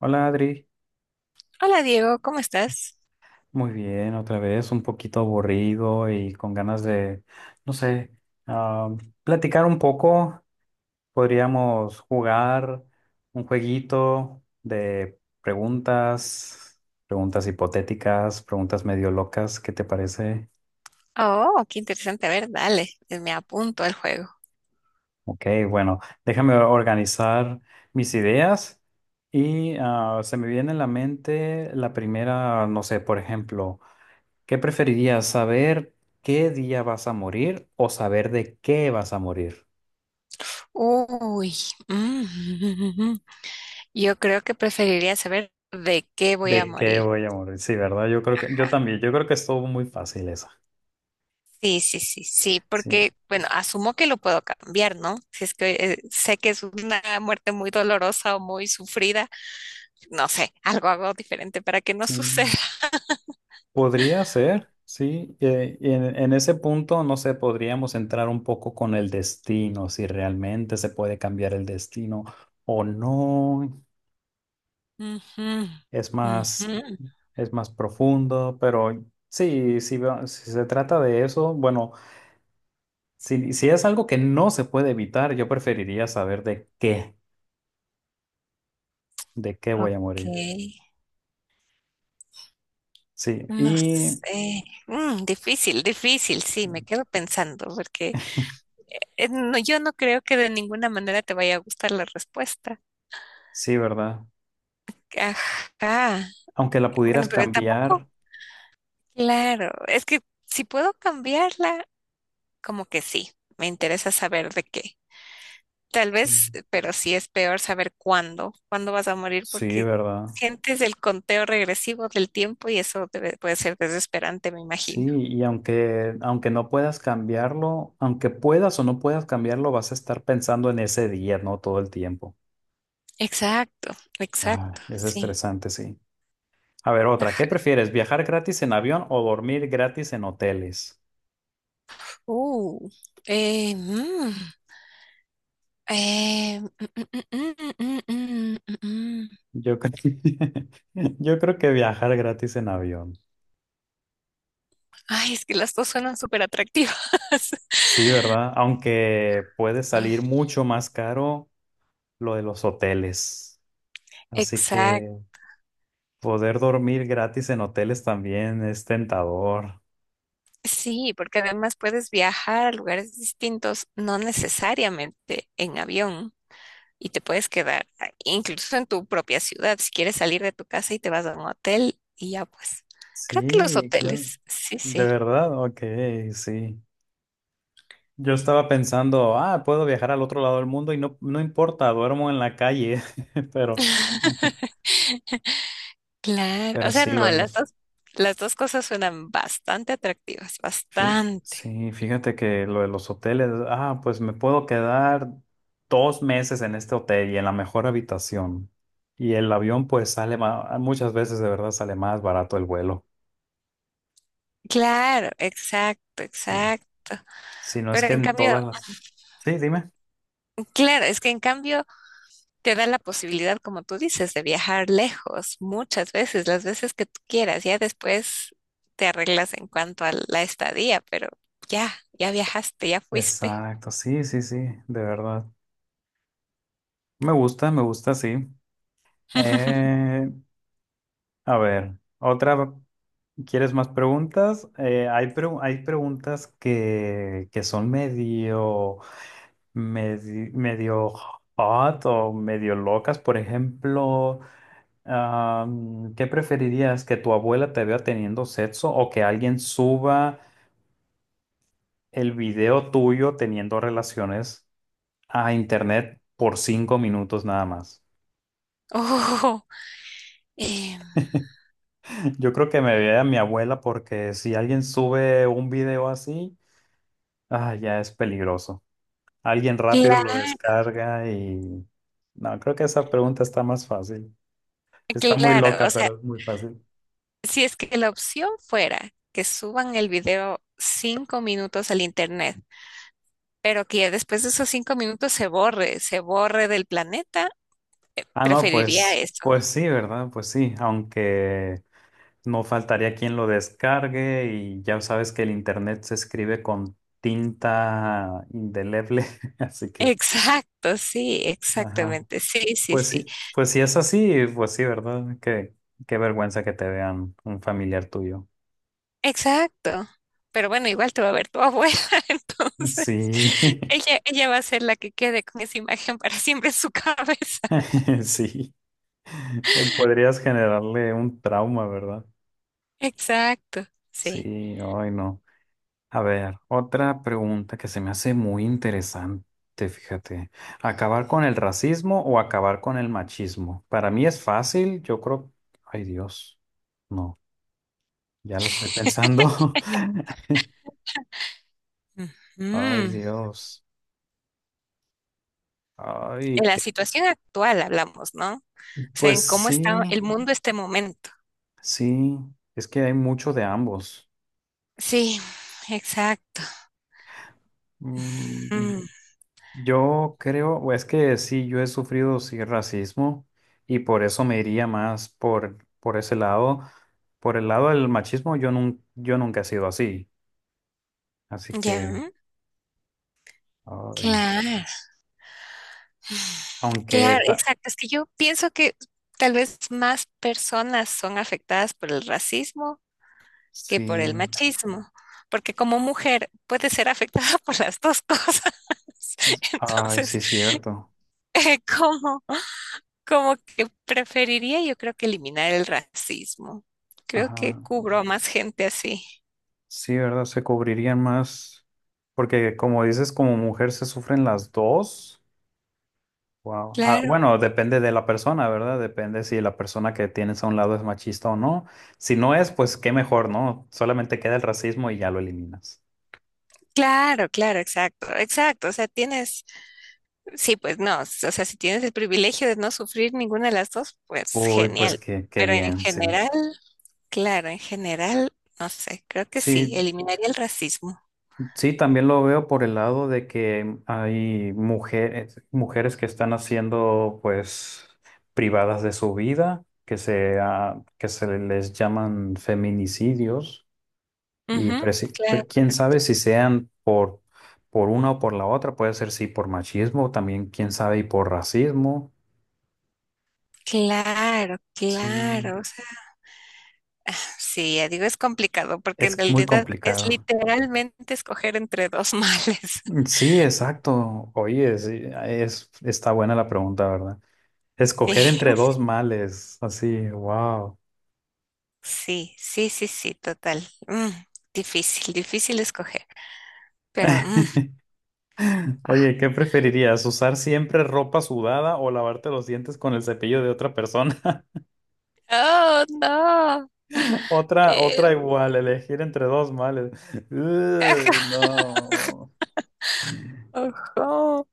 Hola Adri, Hola Diego, ¿cómo estás? muy bien, otra vez un poquito aburrido y con ganas de, no sé, ah, platicar un poco. Podríamos jugar un jueguito de preguntas, preguntas hipotéticas, preguntas medio locas, ¿qué te parece? Oh, qué interesante. A ver, dale, me apunto al juego. Ok, bueno, déjame organizar mis ideas y se me viene a la mente la primera, no sé, por ejemplo. ¿Qué preferirías, saber qué día vas a morir o saber de qué vas a morir? Uy, mm, yo creo que preferiría saber de qué voy a ¿De qué morir. voy a morir? Sí, ¿verdad? Yo creo que, yo también, yo creo que estuvo muy fácil esa. Sí, sí, sí, sí, Sí, porque, bueno, asumo que lo puedo cambiar, ¿no? Si es que sé que es una muerte muy dolorosa o muy sufrida, no sé, algo hago diferente para que no suceda. sí. Podría ser, sí. Y en ese punto, no sé, podríamos entrar un poco con el destino, si realmente se puede cambiar el destino o no. Ujú, Es ujú. más, es más profundo, pero sí, si, si se trata de eso, bueno. Si, si es algo que no se puede evitar, yo preferiría saber de qué voy a Ok, morir. Sí, no y sé. Mm, difícil, difícil, sí, me sí, quedo pensando, porque no, yo no creo que de ninguna manera te vaya a gustar la respuesta. sí, ¿verdad? Ajá. Aunque la Bueno, pudieras pero tampoco, cambiar, claro, es que si puedo cambiarla, como que sí, me interesa saber de qué. Tal vez, sí, pero sí es peor saber cuándo, cuándo vas a morir, sí, porque ¿verdad? sientes el conteo regresivo del tiempo y eso puede ser desesperante, me imagino. Sí, y aunque, aunque no puedas cambiarlo, aunque puedas o no puedas cambiarlo, vas a estar pensando en ese día, ¿no? Todo el tiempo. Exacto, Ay, exacto, es sí. estresante, sí. A ver, otra, ¿qué Ajá. prefieres? ¿Viajar gratis en avión o dormir gratis en hoteles? Uh, mm. Mm, mm, mm, mm, mm, mm, mm. mm. Yo creo, yo creo que viajar gratis en avión. Ay, es que las dos suenan súper atractivas. Sí, ¿verdad? Aunque puede Ah, salir mucho más caro lo de los hoteles. Así Exacto. que poder dormir gratis en hoteles también es tentador. Sí, porque además puedes viajar a lugares distintos, no necesariamente en avión, y te puedes quedar incluso en tu propia ciudad, si quieres salir de tu casa y te vas a un hotel, y ya pues. Creo que los Sí, claro. hoteles, sí, De sí. verdad, ok, sí. Yo estaba pensando, puedo viajar al otro lado del mundo y no, no importa, duermo en la calle, pero, Claro, o pero sea, sí, lo no, las es. dos, las dos cosas suenan bastante atractivas, Sí, bastante. sí, fíjate que lo de los hoteles, pues me puedo quedar 2 meses en este hotel y en la mejor habitación. Y el avión pues sale más, muchas veces de verdad sale más barato el vuelo. Claro, exacto, Sí. exacto. Si no es Pero que en en todas cambio, las... Sí, dime. claro, es que en cambio te da la posibilidad, como tú dices, de viajar lejos muchas veces, las veces que tú quieras. Ya después te arreglas en cuanto a la estadía, pero ya, ya viajaste, ya fuiste. Exacto, sí, sí, sí, de verdad. Me gusta, sí. Eh, a ver, otra, ¿quieres más preguntas? Hay, hay preguntas que son medio... medio hot o medio locas. Por ejemplo, ¿qué preferirías? ¿Que tu abuela te vea teniendo sexo o que alguien suba el video tuyo teniendo relaciones a internet por 5 minutos nada más? Oh, eh, Yo creo que me vea mi abuela porque si alguien sube un video así, ya es peligroso. Alguien rápido lo descarga y... No, creo que esa pregunta está más fácil. Está muy claro, o loca, sea, pero es muy fácil. si es que la opción fuera que suban el video 5 minutos al internet, pero que ya después de esos 5 minutos se borre del planeta. Ah, no, Preferiría pues, eso. pues sí, ¿verdad? Pues sí, aunque no faltaría quien lo descargue y ya sabes que el internet se escribe con tinta indeleble, así que, Exacto, sí, ajá, exactamente. Sí, sí, sí. Pues sí es así, pues sí, ¿verdad? Qué, qué vergüenza que te vean un familiar tuyo. Exacto. Pero bueno, igual te va a ver tu abuela, entonces Sí, ella va a ser la que quede con esa imagen para siempre en su cabeza. sí, podrías generarle un trauma, ¿verdad? Exacto, sí. Sí, ay, no. A ver, otra pregunta que se me hace muy interesante, fíjate. ¿Acabar con el racismo o acabar con el machismo? Para mí es fácil, yo creo. Ay, Dios. No, ya la estoy pensando. Ujú. Ay, Dios. Ay, En la qué. situación actual hablamos, ¿no? O sea, Pues en cómo sí, está el mundo este momento. sí, es que hay mucho de ambos. Sí, exacto. Mm, Mm, yo creo, o es que sí, yo he sufrido sí racismo y por eso me iría más por ese lado. Por el lado del machismo, yo, yo nunca he sido así. Así que, ya, ay, claro. aunque Claro, ta- exacto. Es que yo pienso que tal vez más personas son afectadas por el racismo que por el sí, machismo, porque como mujer puede ser afectada por las dos cosas. ay, Entonces, sí, cierto. eh, como, como que preferiría yo creo que eliminar el racismo. Creo que Ajá. cubro a más gente así. Sí, ¿verdad? Se cubrirían más. Porque como dices, como mujer se sufren las dos. Wow. Ah, Claro, bueno, depende de la persona, ¿verdad? Depende si la persona que tienes a un lado es machista o no. Si no es, pues qué mejor, ¿no? Solamente queda el racismo y ya lo eliminas. claro, claro, exacto, exacto. O sea, tienes... Sí, pues no, o sea, si tienes el privilegio de no sufrir ninguna de las dos, pues Uy, pues genial. qué, qué Pero en bien, sí. general, claro, en general, no sé, creo que sí, Sí, eliminaría el racismo. sí, también lo veo por el lado de que hay mujeres, mujeres que están haciendo, pues, privadas de su vida, que se, que se les llaman feminicidios. Y Ujú, pero sí, claro, quién correcto. sabe si sean por una o por la otra, puede ser sí por machismo, también quién sabe y por racismo. Claro, Sí, claro. O sea, sí, ya digo, es complicado porque en es muy realidad es complicado. literalmente escoger entre dos males. Sí, exacto. Oye, sí, es, está buena la pregunta, ¿verdad? Escoger Sí, entre dos males, así, wow. sí, sí, sí, sí, total. Mm, difícil, difícil escoger. Pero, ah. Oye, ¿qué preferirías? ¿Usar siempre ropa sudada o lavarte los dientes con el cepillo de otra persona? Oh, no. Otra, otra igual, elegir entre dos males. Uy, no. Ojo.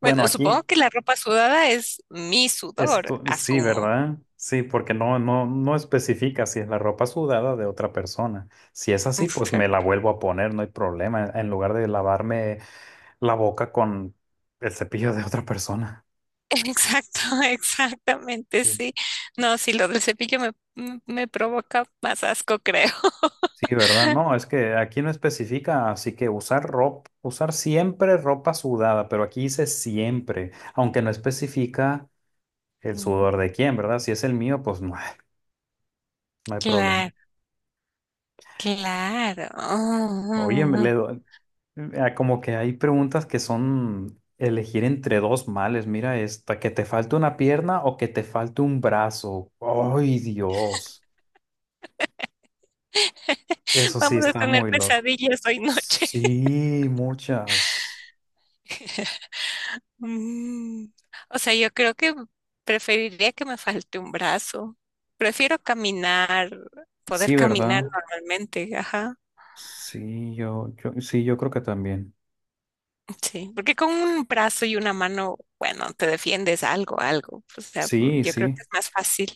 Bueno, Bueno, supongo aquí que la ropa sudada es mi sudor, esto, sí, asumo. ¿verdad? Sí, porque no, no, no especifica si es la ropa sudada de otra persona. Si es así, pues me la Exacto. vuelvo a poner, no hay problema, en lugar de lavarme la boca con el cepillo de otra persona. Exacto, exactamente, Sí. sí. No, sí, lo del cepillo me provoca más asco, creo. Sí, ¿verdad? No, es que aquí no especifica, así que usar ropa, usar siempre ropa sudada, pero aquí dice siempre, aunque no especifica el Mm. sudor de quién, ¿verdad? Si es el mío, pues no, no hay problema. Claro, claro. Oye, me le doy. Ah, como que hay preguntas que son elegir entre dos males. Mira esta, que te falte una pierna o que te falte un brazo. ¡Ay, Dios! Eso sí Vamos a está tener muy loco. pesadillas hoy noche. Sí, muchas. Mm. O sea, yo creo que preferiría que me falte un brazo. Prefiero caminar, poder Sí, caminar ¿verdad? normalmente, ajá. Sí, yo, sí, yo creo que también. Sí, porque con un brazo y una mano, bueno, te defiendes algo, algo. O sea, Sí, yo creo sí, que es más fácil.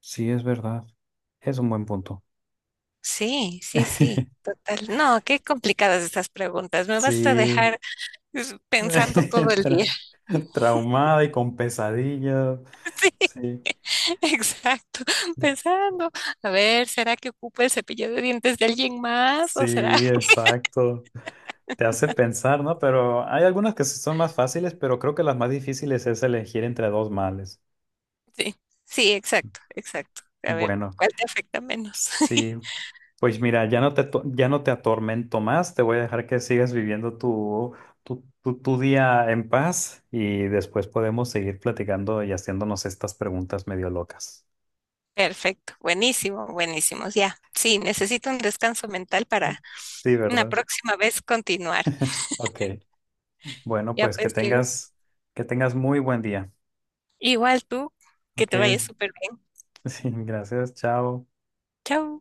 sí, es verdad. Es un buen punto. Sí, sí, sí, total. No, qué complicadas estas preguntas. Me vas a Sí. dejar es, pensando todo el día. Tra- traumada y con pesadillas. Sí, Sí, exacto, pensando. A ver, ¿será que ocupa el cepillo de dientes de alguien más? sí, ¿O será? exacto. Te hace pensar, ¿no? Pero hay algunas que sí son más fáciles, pero creo que las más difíciles es elegir entre dos males. Sí, sí, exacto, exacto. A ver, Bueno, ¿cuál te afecta menos? sí. Pues mira, ya no te, ya no te atormento más, te voy a dejar que sigas viviendo tu, tu día en paz y después podemos seguir platicando y haciéndonos estas preguntas medio locas. Perfecto, buenísimo, buenísimo. Ya, sí, necesito un descanso mental para Sí, una ¿verdad? próxima vez continuar. Ok. Bueno, Ya pues pues digo, que tengas muy buen día. igual tú, que Ok. te vaya súper bien. Sí, gracias. Chao. Chao.